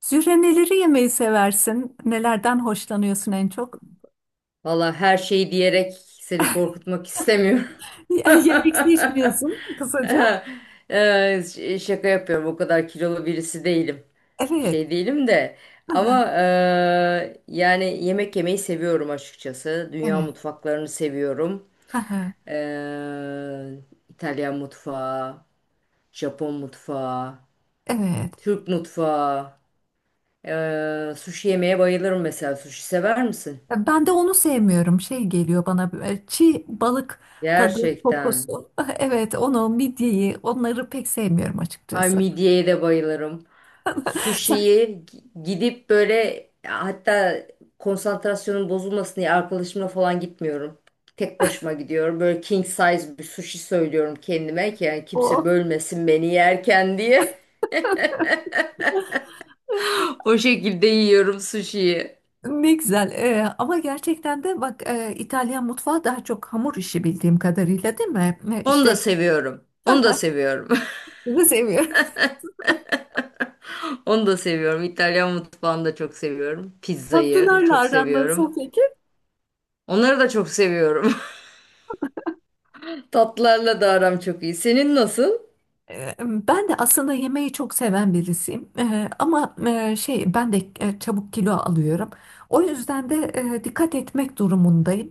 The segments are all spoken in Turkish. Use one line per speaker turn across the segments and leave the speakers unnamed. Zühre neleri yemeyi seversin? Nelerden hoşlanıyorsun en çok?
Valla her şeyi diyerek seni korkutmak istemiyorum.
Yemek seçmiyorsun kısaca.
Şaka yapıyorum. O kadar kilolu birisi değilim.
Evet.
Şey değilim de.
Aha,
Ama yani yemek yemeyi seviyorum açıkçası. Dünya
evet.
mutfaklarını seviyorum.
Aha,
Eee, İtalyan mutfağı, Japon mutfağı,
evet.
Türk mutfağı. Sushi yemeye bayılırım mesela. Sushi sever misin?
Ben de onu sevmiyorum. Şey geliyor bana çiğ balık tadı
Gerçekten.
kokusu. Evet onu midyeyi onları pek sevmiyorum
Ay
açıkçası.
midyeye de bayılırım.
Sen
Sushi'yi gidip böyle hatta konsantrasyonun bozulmasın diye arkadaşımla falan gitmiyorum. Tek başıma gidiyorum. Böyle king size bir sushi söylüyorum kendime ki yani kimse
o
bölmesin beni yerken diye. O şekilde yiyorum sushi'yi.
ne güzel. Ama gerçekten de bak İtalyan mutfağı daha çok hamur işi bildiğim kadarıyla değil mi?
Onu da
İşte
seviyorum. Onu da seviyorum.
bunu seviyorum.
Onu da seviyorum. İtalyan mutfağını da çok seviyorum. Pizzayı
Tatlılarla
çok
aran
seviyorum.
nasıl peki?
Onları da çok seviyorum. Tatlarla da aram çok iyi. Senin nasıl?
Ben de aslında yemeği çok seven birisiyim. Ama ben de çabuk kilo alıyorum. O yüzden de dikkat etmek durumundayım.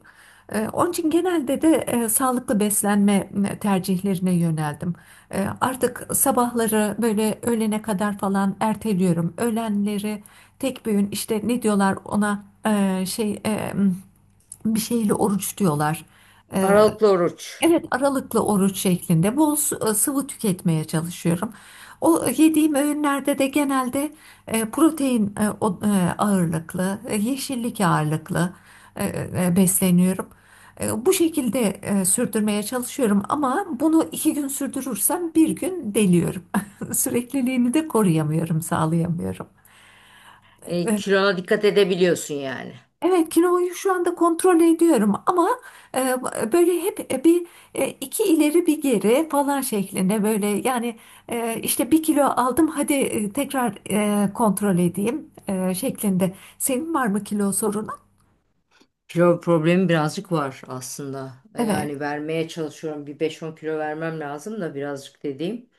Onun için genelde de sağlıklı beslenme tercihlerine yöneldim. Artık sabahları böyle öğlene kadar falan erteliyorum. Öğlenleri tek bir öğün işte ne diyorlar ona bir şeyle oruç diyorlar.
Aralıklı oruç.
Evet, aralıklı oruç şeklinde sıvı tüketmeye çalışıyorum. O yediğim öğünlerde de genelde protein ağırlıklı, yeşillik ağırlıklı e, besleniyorum. Bu şekilde sürdürmeye çalışıyorum ama bunu iki gün sürdürürsem bir gün deliyorum. Sürekliliğini de koruyamıyorum, sağlayamıyorum. E,
Kilona dikkat edebiliyorsun yani.
Evet kiloyu şu anda kontrol ediyorum ama e, böyle hep iki ileri bir geri falan şeklinde böyle yani işte bir kilo aldım, hadi tekrar kontrol edeyim şeklinde. Senin var mı kilo sorunu?
Kilo problemi birazcık var aslında.
Evet,
Yani vermeye çalışıyorum. Bir beş on kilo vermem lazım da birazcık dediğim.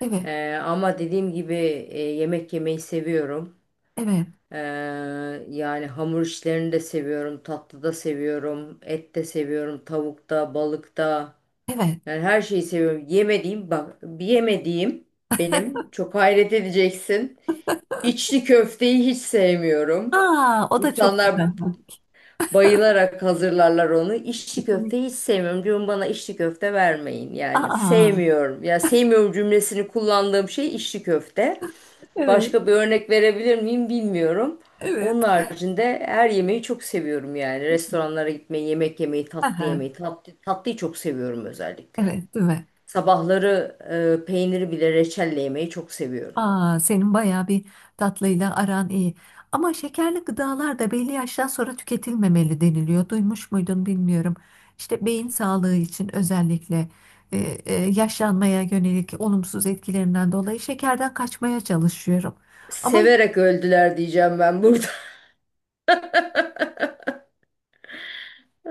evet,
Ama dediğim gibi yemek yemeyi seviyorum.
evet,
E, Yani hamur işlerini de seviyorum. Tatlı da seviyorum. Et de seviyorum. Tavukta, balıkta.
evet.
Yani her şeyi seviyorum. Yemediğim, bak, bir yemediğim benim, çok hayret edeceksin. İçli köfteyi hiç sevmiyorum.
Aa, o da çok
İnsanlar
güzel.
bayılarak hazırlarlar onu. İçli köfte
Kesinlikle.
hiç sevmiyorum. Diyorum bana içli köfte vermeyin. Yani
Aa,
sevmiyorum. Ya sevmiyorum cümlesini kullandığım şey içli köfte.
evet,
Başka bir örnek verebilir miyim bilmiyorum.
evet.
Onun haricinde her yemeği çok seviyorum yani. Restoranlara gitmeyi, yemek yemeyi, tatlı
Aha,
yemeyi, tatlı, tatlıyı çok seviyorum özellikle.
evet, değil mi?
Sabahları peyniri bile reçelle yemeyi çok seviyorum.
Aa, senin bayağı bir tatlıyla aran iyi. Ama şekerli gıdalar da belli yaştan sonra tüketilmemeli deniliyor. Duymuş muydun bilmiyorum. İşte beyin sağlığı için özellikle e, yaşlanmaya yönelik olumsuz etkilerinden dolayı şekerden kaçmaya çalışıyorum. Ama
Severek öldüler diyeceğim ben burada.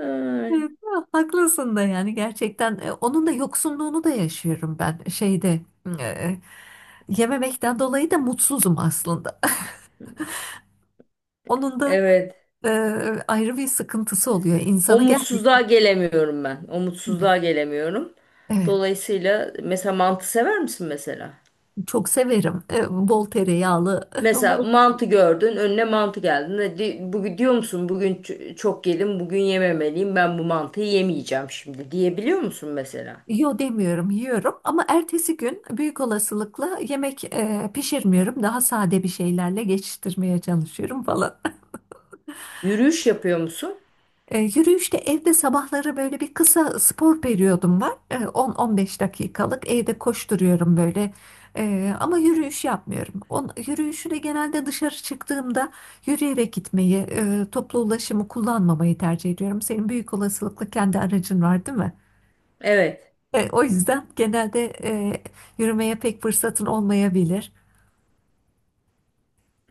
e,
Ay,
haklısın da yani gerçekten onun da yoksunluğunu da yaşıyorum ben şeyde e, yememekten dolayı da mutsuzum aslında. Onun da
evet.
e, ayrı bir sıkıntısı oluyor.
O
İnsanı gerçekten
mutsuzluğa gelemiyorum ben. O
evet,
mutsuzluğa gelemiyorum.
evet.
Dolayısıyla mesela mantı sever misin mesela?
Çok severim. Bol tereyağlı,
Mesela
bol
mantı gördün, önüne mantı geldi. Bugün diyor musun? Bugün çok yedim, bugün yememeliyim. Ben bu mantıyı yemeyeceğim şimdi diyebiliyor musun mesela?
yo demiyorum, yiyorum ama ertesi gün büyük olasılıkla yemek pişirmiyorum. Daha sade bir şeylerle geçiştirmeye çalışıyorum falan.
Yürüyüş yapıyor musun?
Yürüyüşte evde sabahları böyle bir kısa spor periyodum var. E, 10-15 dakikalık evde koşturuyorum böyle. Ama yürüyüş yapmıyorum. On, yürüyüşü de genelde dışarı çıktığımda yürüyerek gitmeyi, toplu ulaşımı kullanmamayı tercih ediyorum. Senin büyük olasılıkla kendi aracın var, değil mi?
Evet.
O yüzden genelde yürümeye pek fırsatın olmayabilir.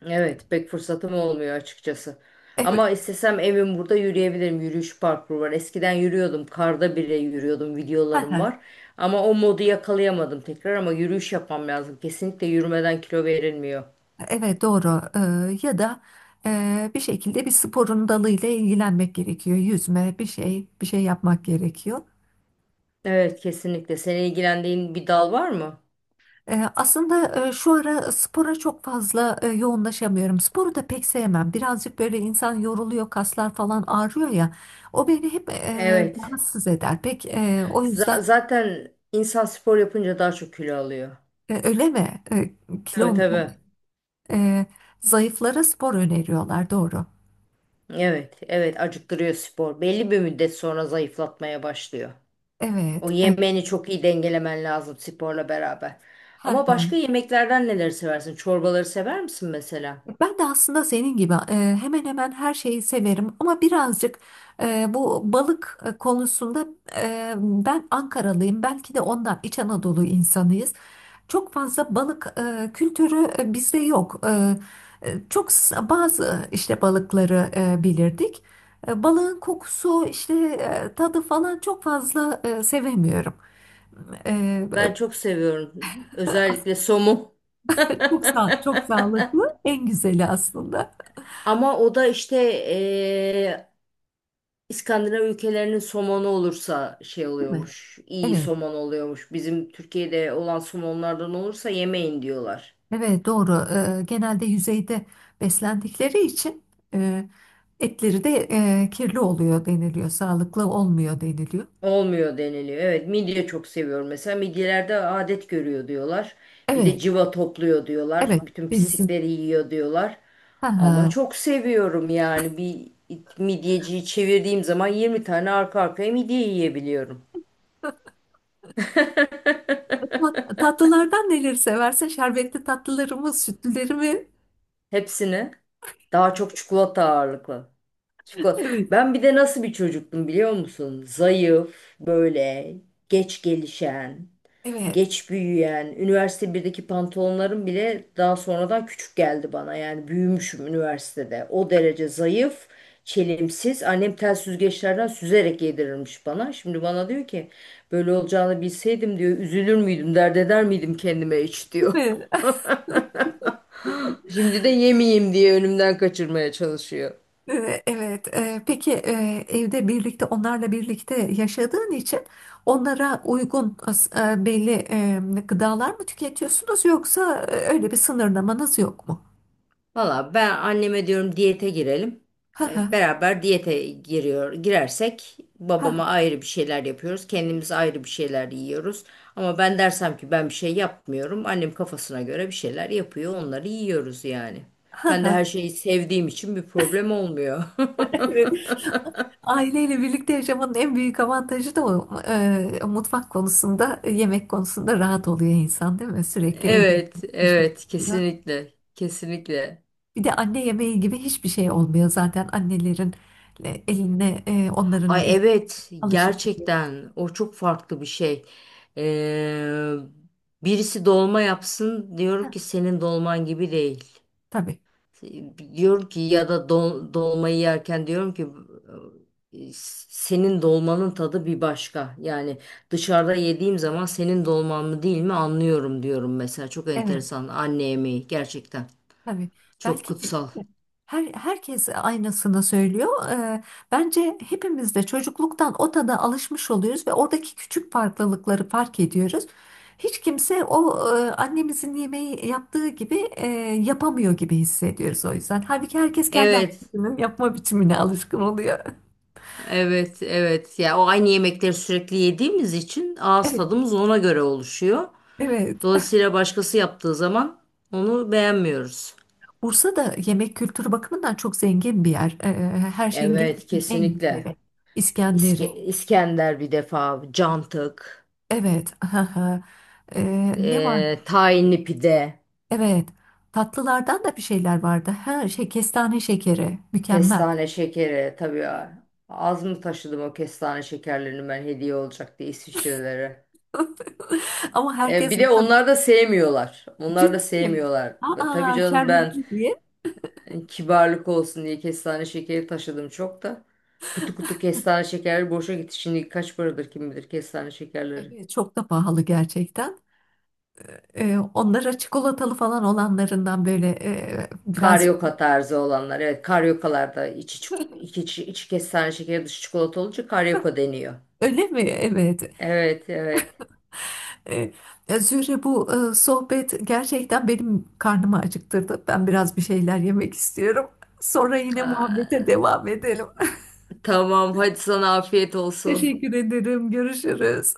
Evet, pek fırsatım olmuyor açıkçası.
Evet.
Ama istesem evim burada yürüyebilirim. Yürüyüş parkuru var. Eskiden yürüyordum. Karda bile yürüyordum. Videolarım var. Ama o modu yakalayamadım tekrar ama yürüyüş yapmam lazım. Kesinlikle yürümeden kilo verilmiyor.
Evet doğru. Ya da bir şekilde bir sporun dalıyla ilgilenmek gerekiyor, yüzme, bir şey bir şey yapmak gerekiyor.
Evet, kesinlikle. Seni ilgilendiğin bir dal var mı?
Aslında şu ara spora çok fazla yoğunlaşamıyorum. Sporu da pek sevmem. Birazcık böyle insan yoruluyor, kaslar falan ağrıyor ya. O beni hep
Evet.
rahatsız eder. Pek o yüzden
Zaten insan spor yapınca daha çok kilo alıyor.
öyle mi?
Tabii
Kilon
tabii.
e, zayıflara spor öneriyorlar. Doğru.
Evet, evet, acıktırıyor spor. Belli bir müddet sonra zayıflatmaya başlıyor. O
Evet, evet.
yemeğini çok iyi dengelemen lazım sporla beraber. Ama başka yemeklerden neleri seversin? Çorbaları sever misin mesela?
Ben de aslında senin gibi hemen hemen her şeyi severim ama birazcık bu balık konusunda ben Ankaralıyım, belki de ondan, İç Anadolu insanıyız. Çok fazla balık kültürü bizde yok. Çok bazı işte balıkları bilirdik. Balığın kokusu işte tadı falan çok fazla sevemiyorum. E,
Ben çok seviyorum. Özellikle somun.
Çok sağlıklı en güzeli aslında,
Ama o da işte eee, İskandinav ülkelerinin somonu olursa şey
değil mi?
oluyormuş. İyi
Evet.
somon oluyormuş. Bizim Türkiye'de olan somonlardan olursa yemeyin diyorlar.
Evet doğru. Genelde yüzeyde beslendikleri için e, etleri de kirli oluyor deniliyor. Sağlıklı olmuyor deniliyor.
Olmuyor deniliyor. Evet, midye çok seviyorum mesela. Midyelerde adet görüyor diyorlar. Bir de
Evet,
civa topluyor diyorlar.
evet.
Bütün
Denizin.
pislikleri yiyor diyorlar.
Ha,
Ama
ha.
çok seviyorum yani bir midyeciyi çevirdiğim zaman 20 tane arka arkaya midye yiyebiliyorum.
Bak, tatlılardan neleri seversin? Şerbetli tatlıları mı, sütlüleri mi?
Hepsini. Daha çok çikolata ağırlıklı. Çikolata.
Evet,
Ben bir de nasıl bir çocuktum biliyor musun? Zayıf, böyle geç gelişen,
evet.
geç büyüyen, üniversite birdeki pantolonlarım bile daha sonradan küçük geldi bana. Yani büyümüşüm üniversitede. O derece zayıf, çelimsiz. Annem tel süzgeçlerden süzerek yedirirmiş bana. Şimdi bana diyor ki böyle olacağını bilseydim diyor üzülür müydüm, dert eder miydim kendime hiç
Değil
diyor.
mi?
Şimdi de yemeyeyim diye önümden kaçırmaya çalışıyor.
Evet. Peki evde birlikte onlarla birlikte yaşadığın için onlara uygun belli gıdalar mı tüketiyorsunuz yoksa öyle bir sınırlamanız yok mu?
Valla ben anneme diyorum diyete girelim.
Ha ha
Beraber diyete giriyor, girersek
ha ha.
babama ayrı bir şeyler yapıyoruz. Kendimiz ayrı bir şeyler yiyoruz. Ama ben dersem ki ben bir şey yapmıyorum. Annem kafasına göre bir şeyler yapıyor. Onları yiyoruz yani. Ben de
Ha.
her şeyi sevdiğim için bir problem olmuyor.
Evet. Aileyle birlikte yaşamanın en büyük avantajı da o. Mutfak konusunda, yemek konusunda rahat oluyor insan, değil mi? Sürekli evde
Evet,
pişmiş
evet,
oluyor.
kesinlikle, kesinlikle.
Bir de anne yemeği gibi hiçbir şey olmuyor zaten annelerin eline onların
Ay
lezzetine
evet
alışıp oluyor.
gerçekten o çok farklı bir şey. Ee, Birisi dolma yapsın
Ha,
diyorum ki senin dolman gibi değil.
tabii.
Diyorum ki ya da dolmayı yerken diyorum ki "E, senin dolmanın tadı bir başka. Yani dışarıda yediğim zaman senin dolman mı değil mi anlıyorum diyorum mesela. Çok
Evet,
enteresan anne yemeği gerçekten
tabii.
çok
Belki de
kutsal.
Herkes aynısını söylüyor. Bence hepimiz de çocukluktan o tada alışmış oluyoruz ve oradaki küçük farklılıkları fark ediyoruz. Hiç kimse o annemizin yemeği yaptığı gibi yapamıyor gibi hissediyoruz o yüzden. Halbuki herkes kendi
Evet.
annesinin yapma biçimine alışkın oluyor.
Evet, evet. Ya o aynı yemekleri sürekli yediğimiz için ağız
Evet,
tadımız ona göre oluşuyor.
evet.
Dolayısıyla başkası yaptığı zaman onu beğenmiyoruz.
Bursa da yemek kültürü bakımından çok zengin bir yer. Her şeyin
Evet,
gerçekten en
kesinlikle.
güzeli. İskender'i.
İskender bir defa, cantık,
Evet. Ne var?
tahinli pide,
Evet. Tatlılardan da bir şeyler vardı. Ha, şey kestane şekeri. Mükemmel.
kestane şekeri. Tabii ya, az mı taşıdım o kestane şekerlerini ben hediye olacak diye İsviçrelere.
Ama herkes
Bir de onlar da sevmiyorlar. Onlar da
ciddi mi?
sevmiyorlar. Ve tabii
Aa
canım ben
şerbetli diye.
hani kibarlık olsun diye kestane şekeri taşıdım çok da. Kutu kutu kestane şekerleri boşa gitti. Şimdi kaç paradır kim bilir kestane şekerleri.
Evet çok da pahalı gerçekten. Onlara çikolatalı falan olanlarından böyle biraz
Karyoka tarzı olanlar. Evet karyokalarda içi kestane şekeri dışı çikolata olunca karyoka deniyor.
öyle mi? Evet.
Evet evet.
Ee, Zühre bu sohbet gerçekten benim karnımı acıktırdı. Ben biraz bir şeyler yemek istiyorum. Sonra yine muhabbete
Aa,
devam edelim.
tamam hadi sana afiyet olsun.
Teşekkür ederim. Görüşürüz.